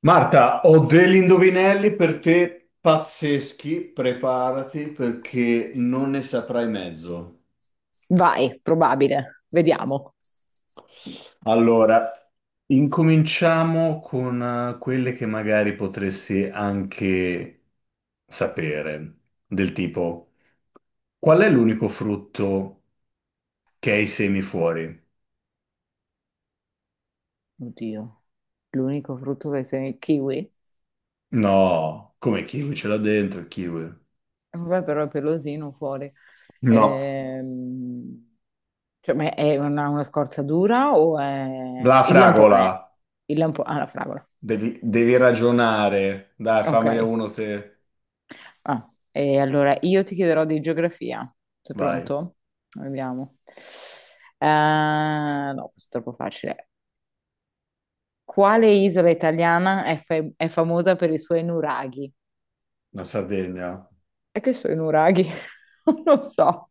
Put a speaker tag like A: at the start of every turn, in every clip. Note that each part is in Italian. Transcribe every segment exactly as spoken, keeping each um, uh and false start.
A: Marta, ho degli indovinelli per te pazzeschi, preparati perché non ne saprai mezzo.
B: Vai, probabile. Vediamo.
A: Allora, incominciamo con eh, quelle che magari potresti anche sapere, del tipo, qual è l'unico frutto che ha i semi fuori?
B: Oddio, l'unico frutto che sei il kiwi?
A: No, come kiwi ce l'ha dentro il kiwi?
B: Vabbè, però è pelosino fuori.
A: No,
B: Ehm, cioè, ma è una, una scorza dura o
A: la
B: è il
A: fragola,
B: lampone. Il lampone. Ah, la fragola.
A: devi, devi ragionare. Dai,
B: Ok.
A: fammene uno te,
B: Ah, e allora io ti chiederò di geografia. Sei
A: vai.
B: pronto? Vediamo. Eh, no, questo è troppo facile. Quale isola italiana è, fa- è famosa per i suoi nuraghi?
A: La Sardegna,
B: È che sono i nuraghi, non lo so.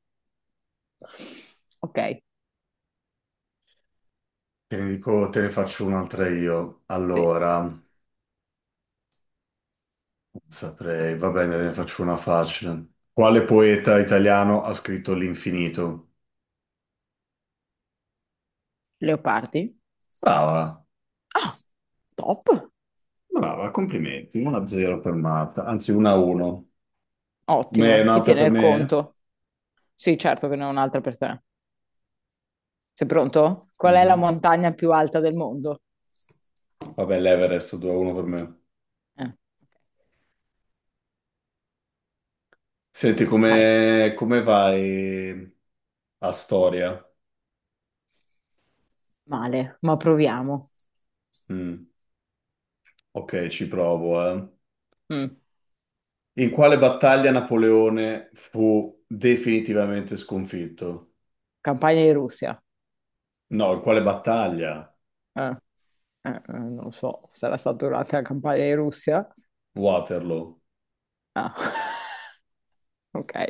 B: Ok,
A: te ne dico, te ne faccio un'altra io.
B: sì.
A: Allora, non saprei, va bene, te ne faccio una facile. Quale poeta italiano ha scritto L'infinito?
B: Leopardi.
A: Brava,
B: Ah, top.
A: brava, complimenti. uno a zero per Marta, anzi uno a uno. Me-
B: Ottimo. Chi
A: Un'altra
B: tiene
A: per
B: il
A: me?
B: conto? Sì, certo che ne ho un'altra per te. Sei pronto? Qual è la
A: Mhm.
B: montagna più alta del mondo? Eh,
A: Vabbè, l'Everest due a uno per me.
B: ok.
A: Senti,
B: Vai,
A: come, come vai a storia?
B: male, ma proviamo.
A: Mm. Ok, ci provo, eh.
B: Mm,
A: In quale battaglia Napoleone fu definitivamente sconfitto?
B: campagna di Russia.
A: No, in quale battaglia?
B: Eh, eh, eh, non lo so, sarà stata durante la campagna di Russia?
A: Waterloo.
B: Ah, ok.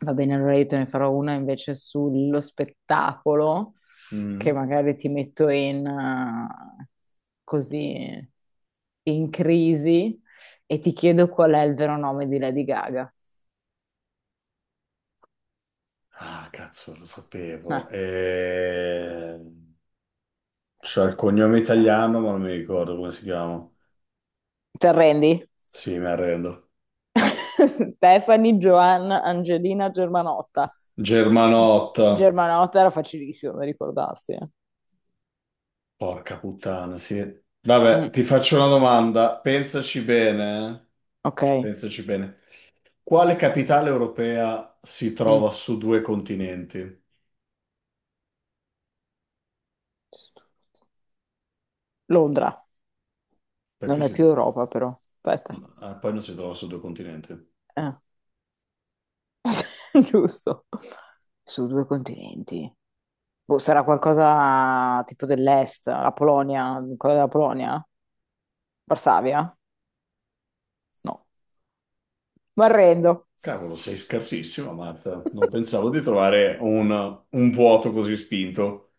B: Va bene, allora io te ne farò una invece sullo spettacolo, che
A: Mm.
B: magari ti metto in, eh, così in crisi e ti chiedo qual è il vero nome di Lady Gaga.
A: Ah, cazzo, lo
B: Eh,
A: sapevo. E... c'è il cognome italiano, ma non mi ricordo come si chiama.
B: ti arrendi?
A: Sì, mi arrendo.
B: Stephanie Joanna Angelina Germanotta.
A: Germanotta.
B: Germanotta era facilissimo da ricordarsi, eh.
A: Porca puttana, sì.
B: Mm,
A: Vabbè, ti faccio una domanda. Pensaci bene,
B: ok.
A: eh? Pensaci bene. Quale capitale europea si trova
B: Mm.
A: su due continenti?
B: Londra.
A: Perché
B: Non è
A: si
B: più
A: trova?
B: Europa, però. Aspetta.
A: Ah, poi non si trova sul due continenti.
B: Eh. Giusto. Su due continenti. Boh, sarà qualcosa tipo dell'est, la Polonia, quella della Polonia? Varsavia? No. Mi arrendo.
A: Cavolo, sei scarsissimo, Marta. Non pensavo di trovare un, un vuoto così spinto.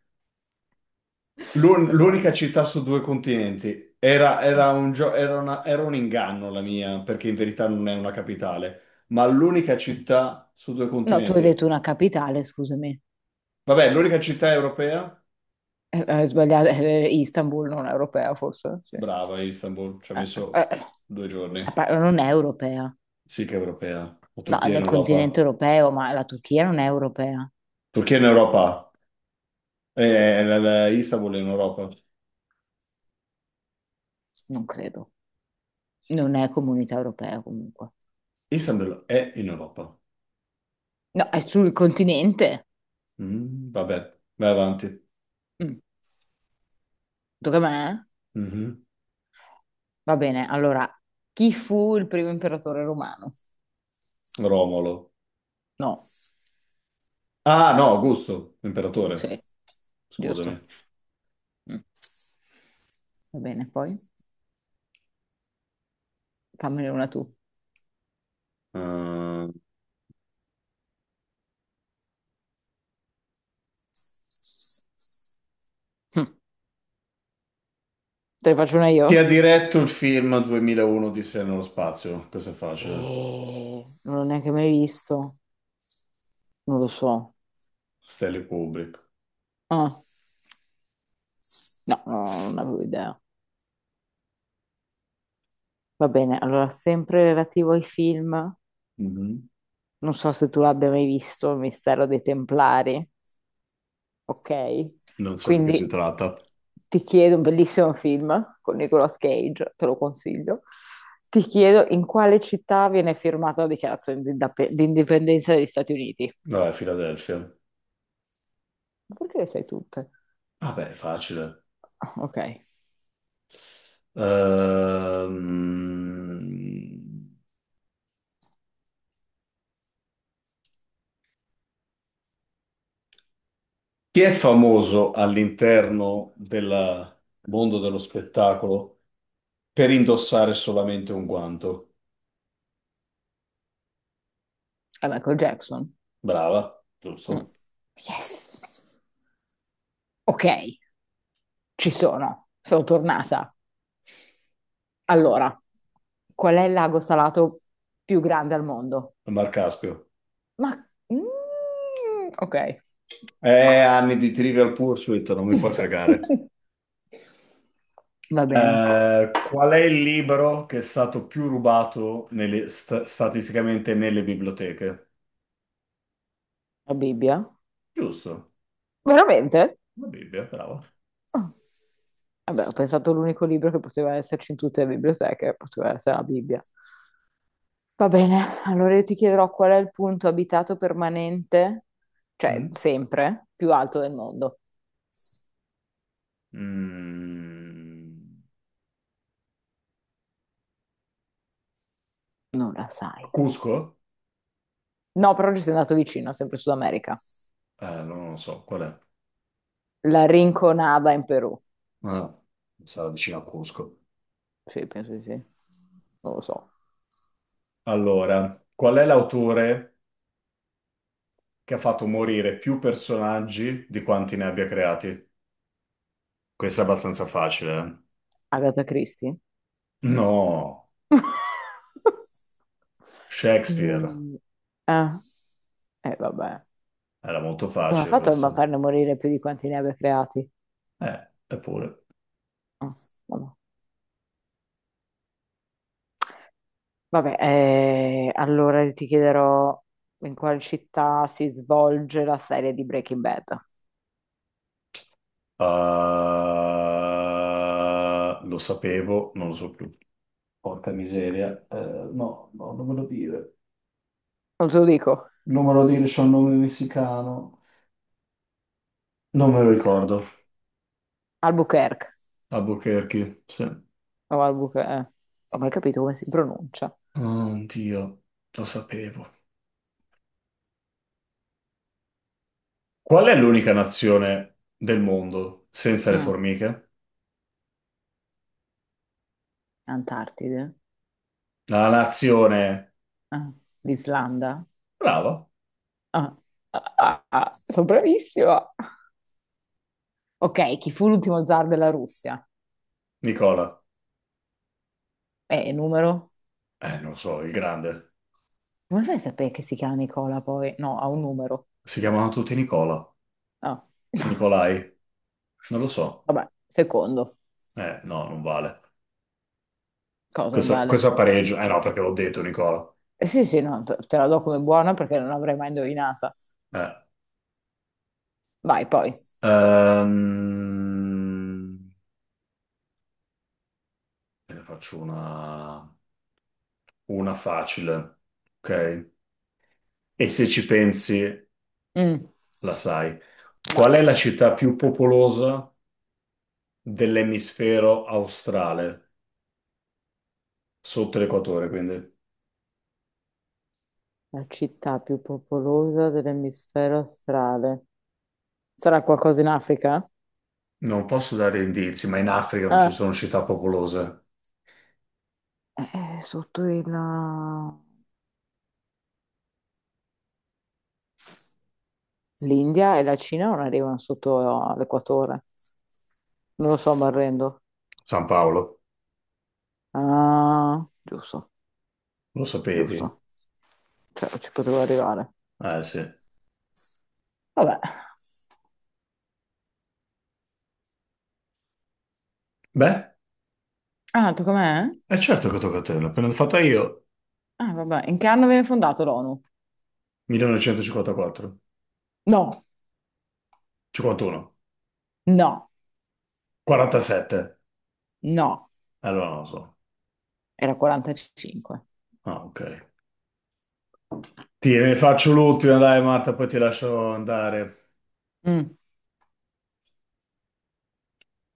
A: L'un- L'unica
B: Perdonami.
A: città su due continenti era, era
B: Eh.
A: un gio- era una- era un inganno la mia, perché in verità non è una capitale, ma l'unica città su due
B: No, tu hai
A: continenti.
B: detto una capitale, scusami.
A: Vabbè, l'unica città europea?
B: Eh, Hai sbagliato, eh, Istanbul non è europea forse? Sì.
A: Brava, Istanbul. Ci ha
B: Eh, eh,
A: messo due
B: eh,
A: giorni.
B: pa- non è europea.
A: Sì che è europea. La
B: No, è
A: Turchia è in
B: nel continente
A: Europa.
B: europeo, ma la Turchia non è europea,
A: Turchia è in Europa. Eh, eh, la- la- Istanbul è in Europa.
B: non credo. Non è comunità europea comunque.
A: Istanbul è in Europa.
B: No, è sul continente.
A: Mm, vabbè, vai avanti.
B: Mm. Tocca a me?
A: Mhm.
B: Va bene, allora, chi fu il primo imperatore romano?
A: Romolo.
B: No,
A: Ah, no, Augusto, imperatore.
B: sì, giusto.
A: Scusami.
B: Mm. Va bene, poi fammene una tu.
A: Eh,
B: Mm. Te ne faccio una
A: chi ha
B: io?
A: diretto il film duemilauno di Odissea nello spazio? Questo è facile.
B: Eh, non l'ho neanche mai visto. Non lo so.
A: Stanley Kubrick.
B: Ah, no, no, non avevo idea. Va bene, allora, sempre relativo ai film,
A: Mhm.
B: non so se tu l'abbia mai visto, Il mistero dei Templari. Ok?
A: Non so di che
B: Quindi
A: si tratta.
B: ti chiedo, un bellissimo film con Nicolas Cage, te lo consiglio. Ti chiedo in quale città viene firmata la dichiarazione di, indap- di indipendenza degli Stati Uniti?
A: Vabbè, Filadelfia.
B: Ma perché le sai tutte?
A: Vabbè, è facile.
B: Ah, ok,
A: Ehm, Chi è famoso all'interno del mondo dello spettacolo? Per indossare solamente un guanto.
B: è Michael Jackson.
A: Brava,
B: Mm.
A: giusto.
B: Yes! Ok, ci sono, sono tornata. Allora, qual è il lago salato più grande al mondo?
A: Mar Caspio.
B: Ma mm, ok.
A: Eh, anni di Trivial Pursuit, non mi fa cagare.
B: Va bene.
A: Eh, qual è il libro che è stato più rubato nelle- sta- statisticamente nelle biblioteche?
B: La Bibbia?
A: Giusto,
B: Veramente?
A: la Bibbia, bravo.
B: Ah. Vabbè, ho pensato l'unico libro che poteva esserci in tutte le biblioteche, poteva essere la Bibbia. Va bene, allora io ti chiederò qual è il punto abitato permanente, cioè
A: Mm.
B: sempre, più alto del mondo.
A: Mm.
B: Non la sai.
A: Cusco?
B: No, però ci sei andato vicino, sempre Sud America.
A: Eh, non lo so, qual è?
B: La Rinconada in Perù.
A: Ah, sarà vicino a Cusco.
B: Sì, penso di sì. Non lo so.
A: Allora, qual è l'autore che ha fatto morire più personaggi di quanti ne abbia creati? Questo è abbastanza facile.
B: Agatha Christie?
A: eh. No, Shakespeare.
B: Mm, Ah, eh, vabbè.
A: Era molto
B: Come ha
A: facile
B: fatto a
A: questo.
B: farne morire più di quanti ne abbia creati?
A: Eh, eppure.
B: Ah, vabbè, Vabbè, eh, allora ti chiederò in quale città si svolge la serie di Breaking Bad.
A: Ah, lo sapevo, non lo so più. Porca miseria. Eh, no, no, non me lo dire.
B: Non te lo dico.
A: Non me lo dire, c'è un nome messicano. Non me lo
B: Messica.
A: ricordo.
B: Albuquerque.
A: Albuquerque, sì. Oh,
B: O Albuquerque, eh. Ho mai capito come si pronuncia.
A: Dio, lo sapevo. Qual è l'unica nazione del mondo senza le
B: Mm,
A: formiche?
B: Antartide.
A: La nazione...
B: Ah, l'Islanda.
A: brava,
B: Ah, ah, ah, ah, sono bravissima. Ok, chi fu l'ultimo zar della Russia?
A: Nicola.
B: Eh, numero?
A: Eh, non lo so, il grande.
B: Come fai a sapere che si chiama Nicola poi? No, ha un numero.
A: Si chiamano tutti Nicola.
B: No.
A: Nicolai? Non lo so.
B: Vabbè, secondo.
A: Eh, no, non vale.
B: Cosa
A: Questo, questo
B: vale?
A: è pareggio. Eh no, perché l'ho detto, Nicola.
B: Eh sì, sì, no, te te la do come buona perché non l'avrei mai indovinata.
A: Eh.
B: Vai, poi.
A: Ehm, Te ne faccio una... una facile. Ok? E se ci pensi,
B: Mm,
A: la sai. Qual
B: vai.
A: è la città più popolosa dell'emisfero australe, sotto l'equatore, quindi
B: La città più popolosa dell'emisfero australe. Sarà qualcosa in Africa?
A: non posso dare indizi, ma in Africa non ci
B: Ah.
A: sono città popolose.
B: Eh, sotto il l'India e la Cina non arrivano sotto l'equatore. Non lo so, mi arrendo.
A: San Paolo,
B: Ah, giusto,
A: lo sapevi?
B: giusto. Cioè, ci potevo arrivare.
A: Eh sì.
B: Vabbè.
A: Beh,
B: Ah, tu com'è?
A: è certo che tocca a te, l'ho appena fatta io.
B: Ah, vabbè. In che anno viene fondato l'O N U?
A: millenovecentocinquantaquattro,
B: No,
A: cinquantuno,
B: no,
A: quarantasette.
B: no.
A: Allora non lo so.
B: Era quarantacinque.
A: Ah, ok. Ti ne faccio l'ultima, dai Marta, poi ti lascio andare.
B: Mm.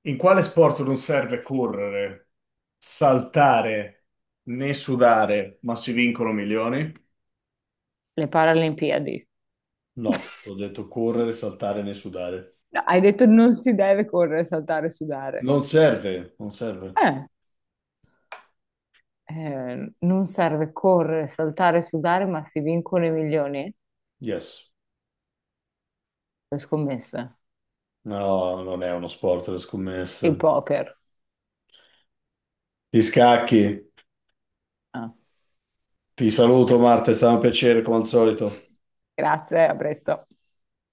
A: In quale sport non serve correre, saltare né sudare, ma si vincono milioni?
B: Le Paralimpiadi.
A: No, ho detto correre, saltare né sudare.
B: No, hai detto non si deve correre, saltare, sudare.
A: Non serve, non serve.
B: Eh, eh, non serve correre, saltare, sudare, ma si vincono i milioni?
A: Yes.
B: Le scommesse.
A: No, non è uno sport le
B: Il
A: scommesse.
B: poker.
A: Gli scacchi.
B: Ah.
A: Ti saluto Marta, è stato un piacere come al solito.
B: Grazie, a presto.